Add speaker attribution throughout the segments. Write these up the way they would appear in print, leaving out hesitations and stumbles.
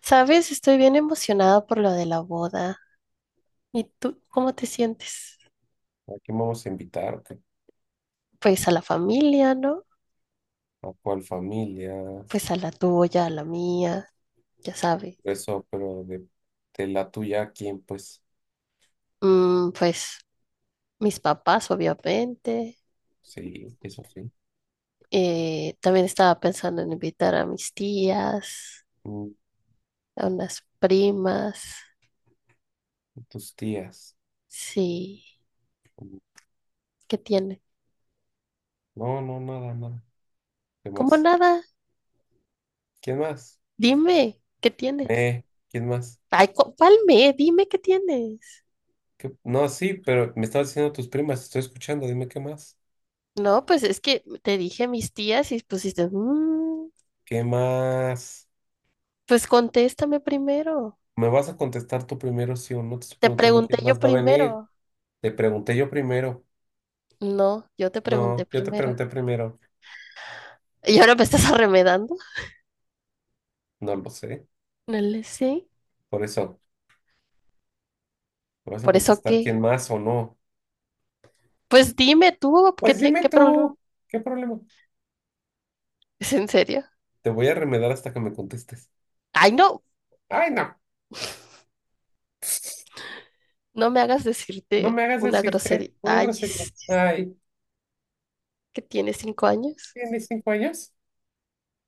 Speaker 1: Sabes, estoy bien emocionada por lo de la boda. ¿Y tú cómo te sientes?
Speaker 2: ¿A quién vamos a invitar?
Speaker 1: Pues a la familia, ¿no?
Speaker 2: ¿A cuál familia?
Speaker 1: Pues a la tuya, a la mía, ya sabes.
Speaker 2: Eso, pero de la tuya, ¿a quién? Pues
Speaker 1: Pues mis papás, obviamente.
Speaker 2: sí, eso sí.
Speaker 1: También estaba pensando en invitar a mis tías,
Speaker 2: Mm.
Speaker 1: a unas primas.
Speaker 2: Tus tías.
Speaker 1: Sí,
Speaker 2: Mm.
Speaker 1: ¿qué tiene?
Speaker 2: No, no, nada, nada. ¿Qué
Speaker 1: ¿Cómo
Speaker 2: más?
Speaker 1: nada?
Speaker 2: ¿Quién más?
Speaker 1: Dime, ¿qué tienes?
Speaker 2: Eh, ¿Quién más?
Speaker 1: Ay, palme, dime qué tienes.
Speaker 2: No, sí, pero me estabas diciendo tus primas, estoy escuchando, dime qué más.
Speaker 1: No, pues es que te dije mis tías y pusiste... "Mm".
Speaker 2: ¿Qué más?
Speaker 1: Pues contéstame primero.
Speaker 2: ¿Me vas a contestar tú primero, sí o no? Te estoy
Speaker 1: Te
Speaker 2: preguntando
Speaker 1: pregunté
Speaker 2: quién
Speaker 1: yo
Speaker 2: más va a venir.
Speaker 1: primero.
Speaker 2: Te pregunté yo primero.
Speaker 1: No, yo te pregunté
Speaker 2: No, yo te
Speaker 1: primero.
Speaker 2: pregunté primero.
Speaker 1: ¿Y ahora me estás arremedando?
Speaker 2: No lo sé.
Speaker 1: No le sé.
Speaker 2: Por eso. ¿Me vas a
Speaker 1: ¿Por eso
Speaker 2: contestar
Speaker 1: qué?
Speaker 2: quién más o no?
Speaker 1: Pues dime tú, ¿qué,
Speaker 2: Pues dime
Speaker 1: qué problema?
Speaker 2: tú, ¿qué problema?
Speaker 1: ¿Es en serio?
Speaker 2: Te voy a remedar hasta que me contestes.
Speaker 1: Ay, no,
Speaker 2: Ay, no,
Speaker 1: no me hagas
Speaker 2: no
Speaker 1: decirte
Speaker 2: me hagas
Speaker 1: una
Speaker 2: decirte
Speaker 1: grosería.
Speaker 2: una
Speaker 1: Ay,
Speaker 2: grosería.
Speaker 1: es
Speaker 2: Ay,
Speaker 1: que tienes 5 años.
Speaker 2: ¿tienes 5 años?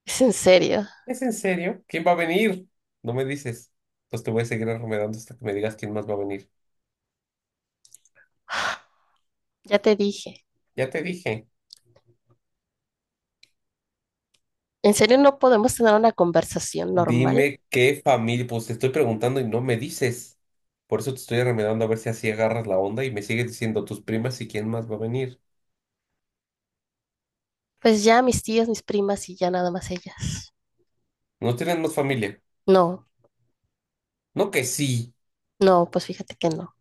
Speaker 1: ¿Es en serio?
Speaker 2: ¿Es en serio? ¿Quién va a venir? No me dices. Entonces te voy a seguir remedando hasta que me digas quién más va a venir.
Speaker 1: Ya te dije.
Speaker 2: Ya te dije.
Speaker 1: ¿En serio no podemos tener una conversación normal?
Speaker 2: Dime qué familia, pues te estoy preguntando y no me dices. Por eso te estoy remedando a ver si así agarras la onda y me sigues diciendo tus primas y quién más va a venir.
Speaker 1: Pues ya mis tías, mis primas y ya nada más ellas.
Speaker 2: ¿No tienes más familia?
Speaker 1: No,
Speaker 2: No que sí.
Speaker 1: no, pues fíjate que no.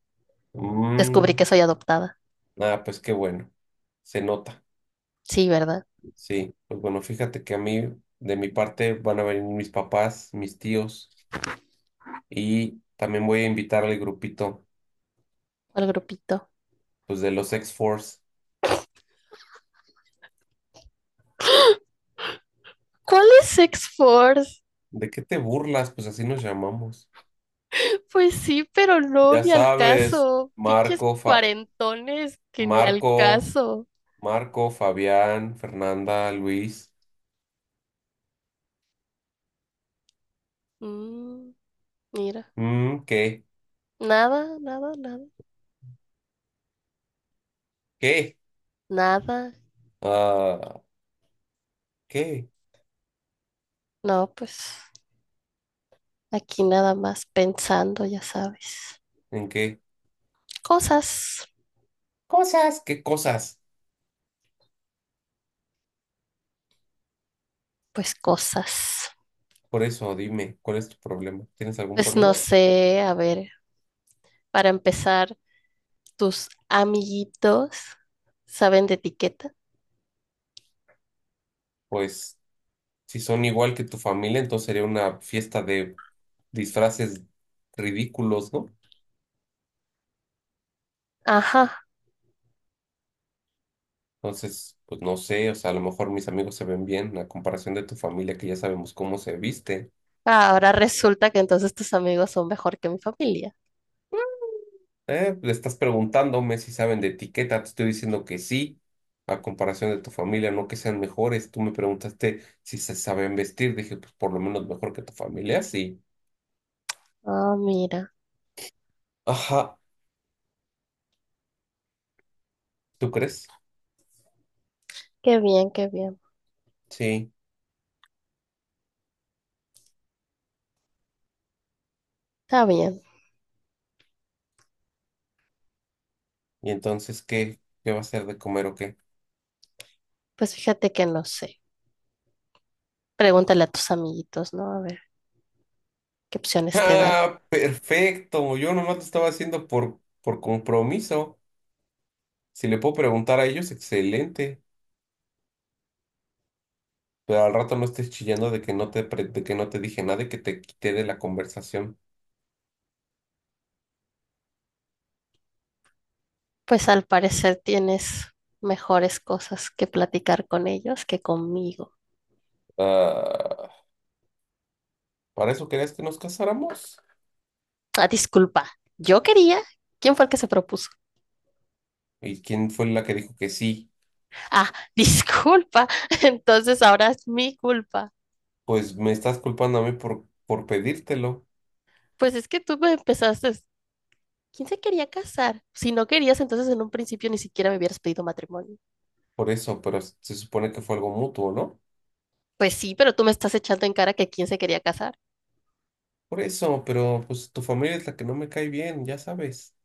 Speaker 1: Descubrí que
Speaker 2: Mm.
Speaker 1: soy adoptada.
Speaker 2: Ah, pues qué bueno, se nota,
Speaker 1: Sí, ¿verdad?
Speaker 2: sí. Pues bueno, fíjate que a mí, de mi parte, van a venir mis papás, mis tíos, y también voy a invitar al grupito,
Speaker 1: Al grupito.
Speaker 2: pues de los X-Force.
Speaker 1: ¿Cuál es X-Force?
Speaker 2: ¿De qué te burlas? Pues así nos llamamos.
Speaker 1: Pues sí, pero no,
Speaker 2: Ya
Speaker 1: ni al
Speaker 2: sabes,
Speaker 1: caso. Pinches
Speaker 2: Marco, Fa-
Speaker 1: cuarentones que ni al
Speaker 2: Marco,
Speaker 1: caso.
Speaker 2: Marco, Fabián, Fernanda, Luis.
Speaker 1: Mm, mira,
Speaker 2: Mm, ¿qué?
Speaker 1: nada, nada, nada,
Speaker 2: ¿Qué?
Speaker 1: nada.
Speaker 2: Ah, ¿qué?
Speaker 1: No, pues aquí nada más pensando, ya sabes.
Speaker 2: ¿En qué?
Speaker 1: Cosas,
Speaker 2: Cosas, ¿qué cosas?
Speaker 1: cosas.
Speaker 2: Por eso, dime, ¿cuál es tu problema? ¿Tienes algún
Speaker 1: Pues no
Speaker 2: problema?
Speaker 1: sé, a ver, para empezar, ¿tus amiguitos saben de etiqueta?
Speaker 2: Pues si son igual que tu familia, entonces sería una fiesta de disfraces ridículos, ¿no?
Speaker 1: Ajá.
Speaker 2: Entonces, pues no sé, o sea, a lo mejor mis amigos se ven bien a comparación de tu familia, que ya sabemos cómo se viste.
Speaker 1: Ah, ahora resulta que entonces tus amigos son mejor que mi familia.
Speaker 2: Le estás preguntándome si saben de etiqueta, te estoy diciendo que sí, a comparación de tu familia, no que sean mejores. Tú me preguntaste si se saben vestir, dije, pues por lo menos mejor que tu familia, sí.
Speaker 1: Ah, mira,
Speaker 2: Ajá, ¿tú crees?
Speaker 1: qué bien, qué bien.
Speaker 2: Sí.
Speaker 1: Está bien.
Speaker 2: ¿Y entonces qué? ¿Qué va a ser de comer o qué?
Speaker 1: Pues fíjate que no sé. Pregúntale a tus amiguitos, ¿no? A ver qué opciones te dan.
Speaker 2: Ah, perfecto. Yo nomás lo estaba haciendo por compromiso. Si le puedo preguntar a ellos, excelente. Pero al rato no estés chillando de que no te dije nada y que te quité de la conversación.
Speaker 1: Pues al parecer tienes mejores cosas que platicar con ellos que conmigo.
Speaker 2: Ah, ¿para eso querías que nos casáramos?
Speaker 1: Ah, disculpa. Yo quería. ¿Quién fue el que se propuso?
Speaker 2: ¿Y quién fue la que dijo que sí?
Speaker 1: Ah, disculpa. Entonces ahora es mi culpa.
Speaker 2: Pues me estás culpando a mí por pedírtelo.
Speaker 1: Pues es que tú me empezaste. ¿Quién se quería casar? Si no querías, entonces en un principio ni siquiera me hubieras pedido matrimonio.
Speaker 2: Por eso, pero se supone que fue algo mutuo, ¿no?
Speaker 1: Pues sí, pero tú me estás echando en cara que quién se quería casar.
Speaker 2: Por eso, pero pues tu familia es la que no me cae bien, ya sabes.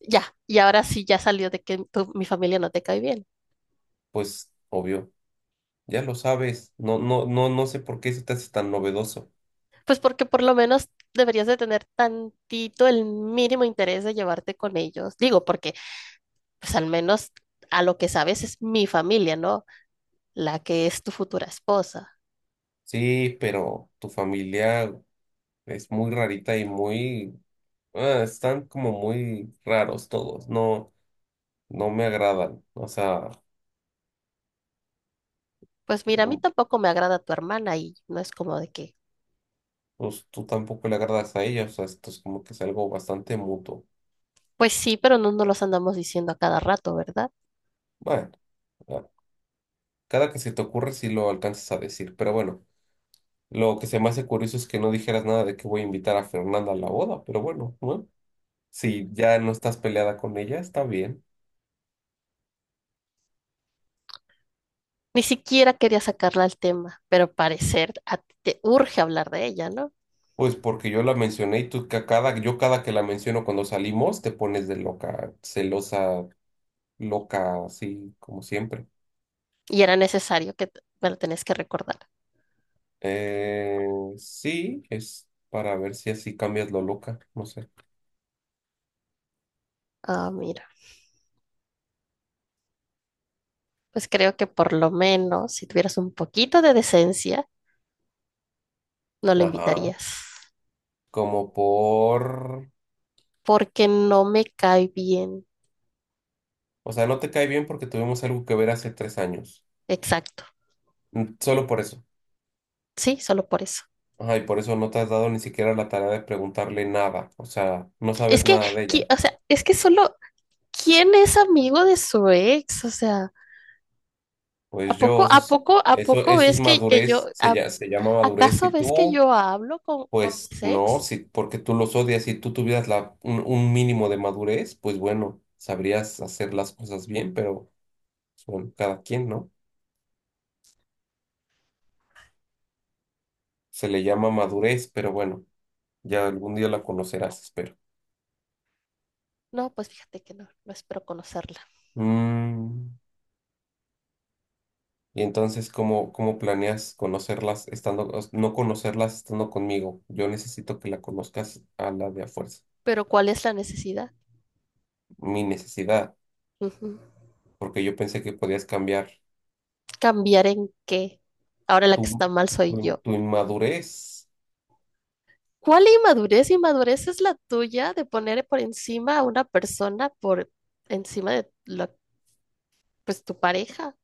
Speaker 1: Ya, y ahora sí ya salió de que mi familia no te cae bien.
Speaker 2: Pues obvio. Ya lo sabes, no, no, no, no sé por qué eso te hace tan novedoso.
Speaker 1: Pues porque por lo menos deberías de tener tantito el mínimo interés de llevarte con ellos. Digo, porque pues al menos a lo que sabes es mi familia, ¿no? La que es tu futura esposa.
Speaker 2: Sí, pero tu familia es muy rarita y muy, ah, están como muy raros todos, no, no me agradan. O sea,
Speaker 1: Pues mira, a mí
Speaker 2: no-
Speaker 1: tampoco me agrada tu hermana y no es como de que,
Speaker 2: pues tú tampoco le agradas a ella, o sea, esto es como que es algo bastante mutuo.
Speaker 1: pues sí, pero no nos los andamos diciendo a cada rato, ¿verdad?
Speaker 2: Bueno, ah, cada que se te ocurre si lo alcanzas a decir, pero bueno, lo que se me hace curioso es que no dijeras nada de que voy a invitar a Fernanda a la boda, pero bueno, ¿no? Si ya no estás peleada con ella, está bien.
Speaker 1: Ni siquiera quería sacarla al tema, pero parecer a ti te urge hablar de ella, ¿no?
Speaker 2: Pues porque yo la mencioné y tú yo cada que la menciono cuando salimos te pones de loca, celosa, loca, así como siempre.
Speaker 1: Y era necesario que me lo tenés que recordar.
Speaker 2: Eh, sí, es para ver si así cambias lo loca, no sé.
Speaker 1: Ah, mira, pues creo que por lo menos si tuvieras un poquito de decencia, no lo
Speaker 2: Ajá,
Speaker 1: invitarías,
Speaker 2: como por...
Speaker 1: porque no me cae bien.
Speaker 2: O sea, no te cae bien porque tuvimos algo que ver hace 3 años.
Speaker 1: Exacto.
Speaker 2: Mm. Solo por eso.
Speaker 1: Sí, solo por eso.
Speaker 2: Ajá, y por eso no te has dado ni siquiera la tarea de preguntarle nada. O sea, no
Speaker 1: Es
Speaker 2: sabes
Speaker 1: que,
Speaker 2: nada de ella.
Speaker 1: o sea, es que solo, ¿quién es amigo de su ex? O sea, ¿a
Speaker 2: Pues
Speaker 1: poco,
Speaker 2: yo, eso
Speaker 1: a
Speaker 2: es...
Speaker 1: poco, a
Speaker 2: Eso,
Speaker 1: poco
Speaker 2: eso es
Speaker 1: ves que yo,
Speaker 2: madurez, se llama madurez.
Speaker 1: acaso
Speaker 2: Y
Speaker 1: ves que
Speaker 2: tú,
Speaker 1: yo hablo con
Speaker 2: pues
Speaker 1: mis
Speaker 2: no,
Speaker 1: ex?
Speaker 2: si, porque tú los odias, si tú tuvieras un mínimo de madurez, pues bueno, sabrías hacer las cosas bien, pero pues, bueno, cada quien, ¿no? Se le llama madurez, pero bueno, ya algún día la conocerás, espero.
Speaker 1: No, pues fíjate que no, no espero conocerla.
Speaker 2: Mm, y entonces, ¿cómo planeas conocerlas estando, no conocerlas estando conmigo? Yo necesito que la conozcas a la de a fuerza.
Speaker 1: Pero ¿cuál es la necesidad?
Speaker 2: Mi necesidad,
Speaker 1: Ujú.
Speaker 2: porque yo pensé que podías cambiar
Speaker 1: ¿Cambiar en qué? Ahora la que
Speaker 2: tu,
Speaker 1: está mal
Speaker 2: tu
Speaker 1: soy yo.
Speaker 2: tu inmadurez.
Speaker 1: ¿Cuál inmadurez? Inmadurez es la tuya de poner por encima a una persona por encima de la, pues, tu pareja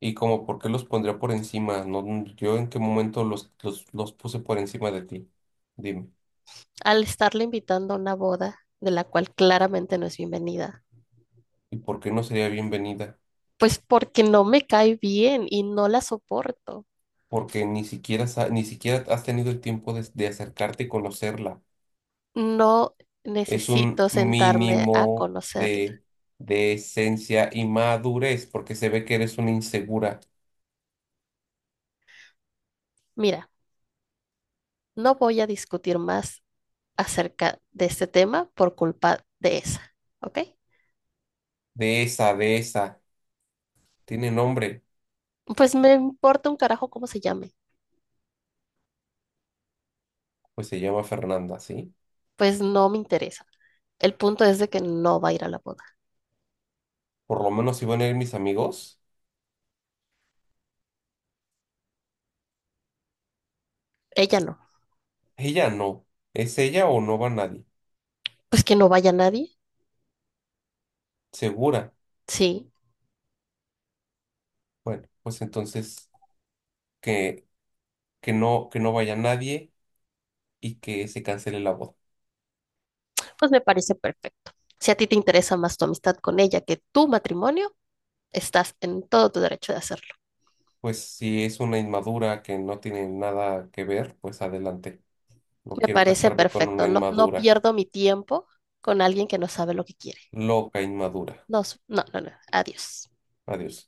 Speaker 2: Y como, ¿por qué los pondría por encima? No, yo en qué momento los puse por encima de ti. Dime.
Speaker 1: al estarle invitando a una boda de la cual claramente no es bienvenida.
Speaker 2: ¿Y por qué no sería bienvenida?
Speaker 1: Pues porque no me cae bien y no la soporto.
Speaker 2: Porque ni siquiera, ni siquiera has tenido el tiempo de acercarte y conocerla.
Speaker 1: No
Speaker 2: Es un
Speaker 1: necesito sentarme a
Speaker 2: mínimo
Speaker 1: conocerla.
Speaker 2: de esencia y madurez, porque se ve que eres una insegura.
Speaker 1: Mira, no voy a discutir más acerca de este tema por culpa de esa, ¿ok?
Speaker 2: De esa, de esa. ¿Tiene nombre?
Speaker 1: Pues me importa un carajo cómo se llame.
Speaker 2: Pues se llama Fernanda, ¿sí?
Speaker 1: Pues no me interesa. El punto es de que no va a ir a la boda.
Speaker 2: Por lo menos si van a ir mis amigos.
Speaker 1: Ella no.
Speaker 2: Ella no. ¿Es ella o no va nadie?
Speaker 1: Pues que no vaya nadie.
Speaker 2: Segura.
Speaker 1: Sí.
Speaker 2: Bueno, pues entonces que, que no vaya nadie y que se cancele la boda.
Speaker 1: Pues me parece perfecto. Si a ti te interesa más tu amistad con ella que tu matrimonio, estás en todo tu derecho de hacerlo.
Speaker 2: Pues si es una inmadura que no tiene nada que ver, pues adelante. No
Speaker 1: Me
Speaker 2: quiero
Speaker 1: parece
Speaker 2: casarme con
Speaker 1: perfecto.
Speaker 2: una
Speaker 1: No, no
Speaker 2: inmadura,
Speaker 1: pierdo mi tiempo con alguien que no sabe lo que quiere.
Speaker 2: loca inmadura.
Speaker 1: No, no, no, no. Adiós.
Speaker 2: Adiós.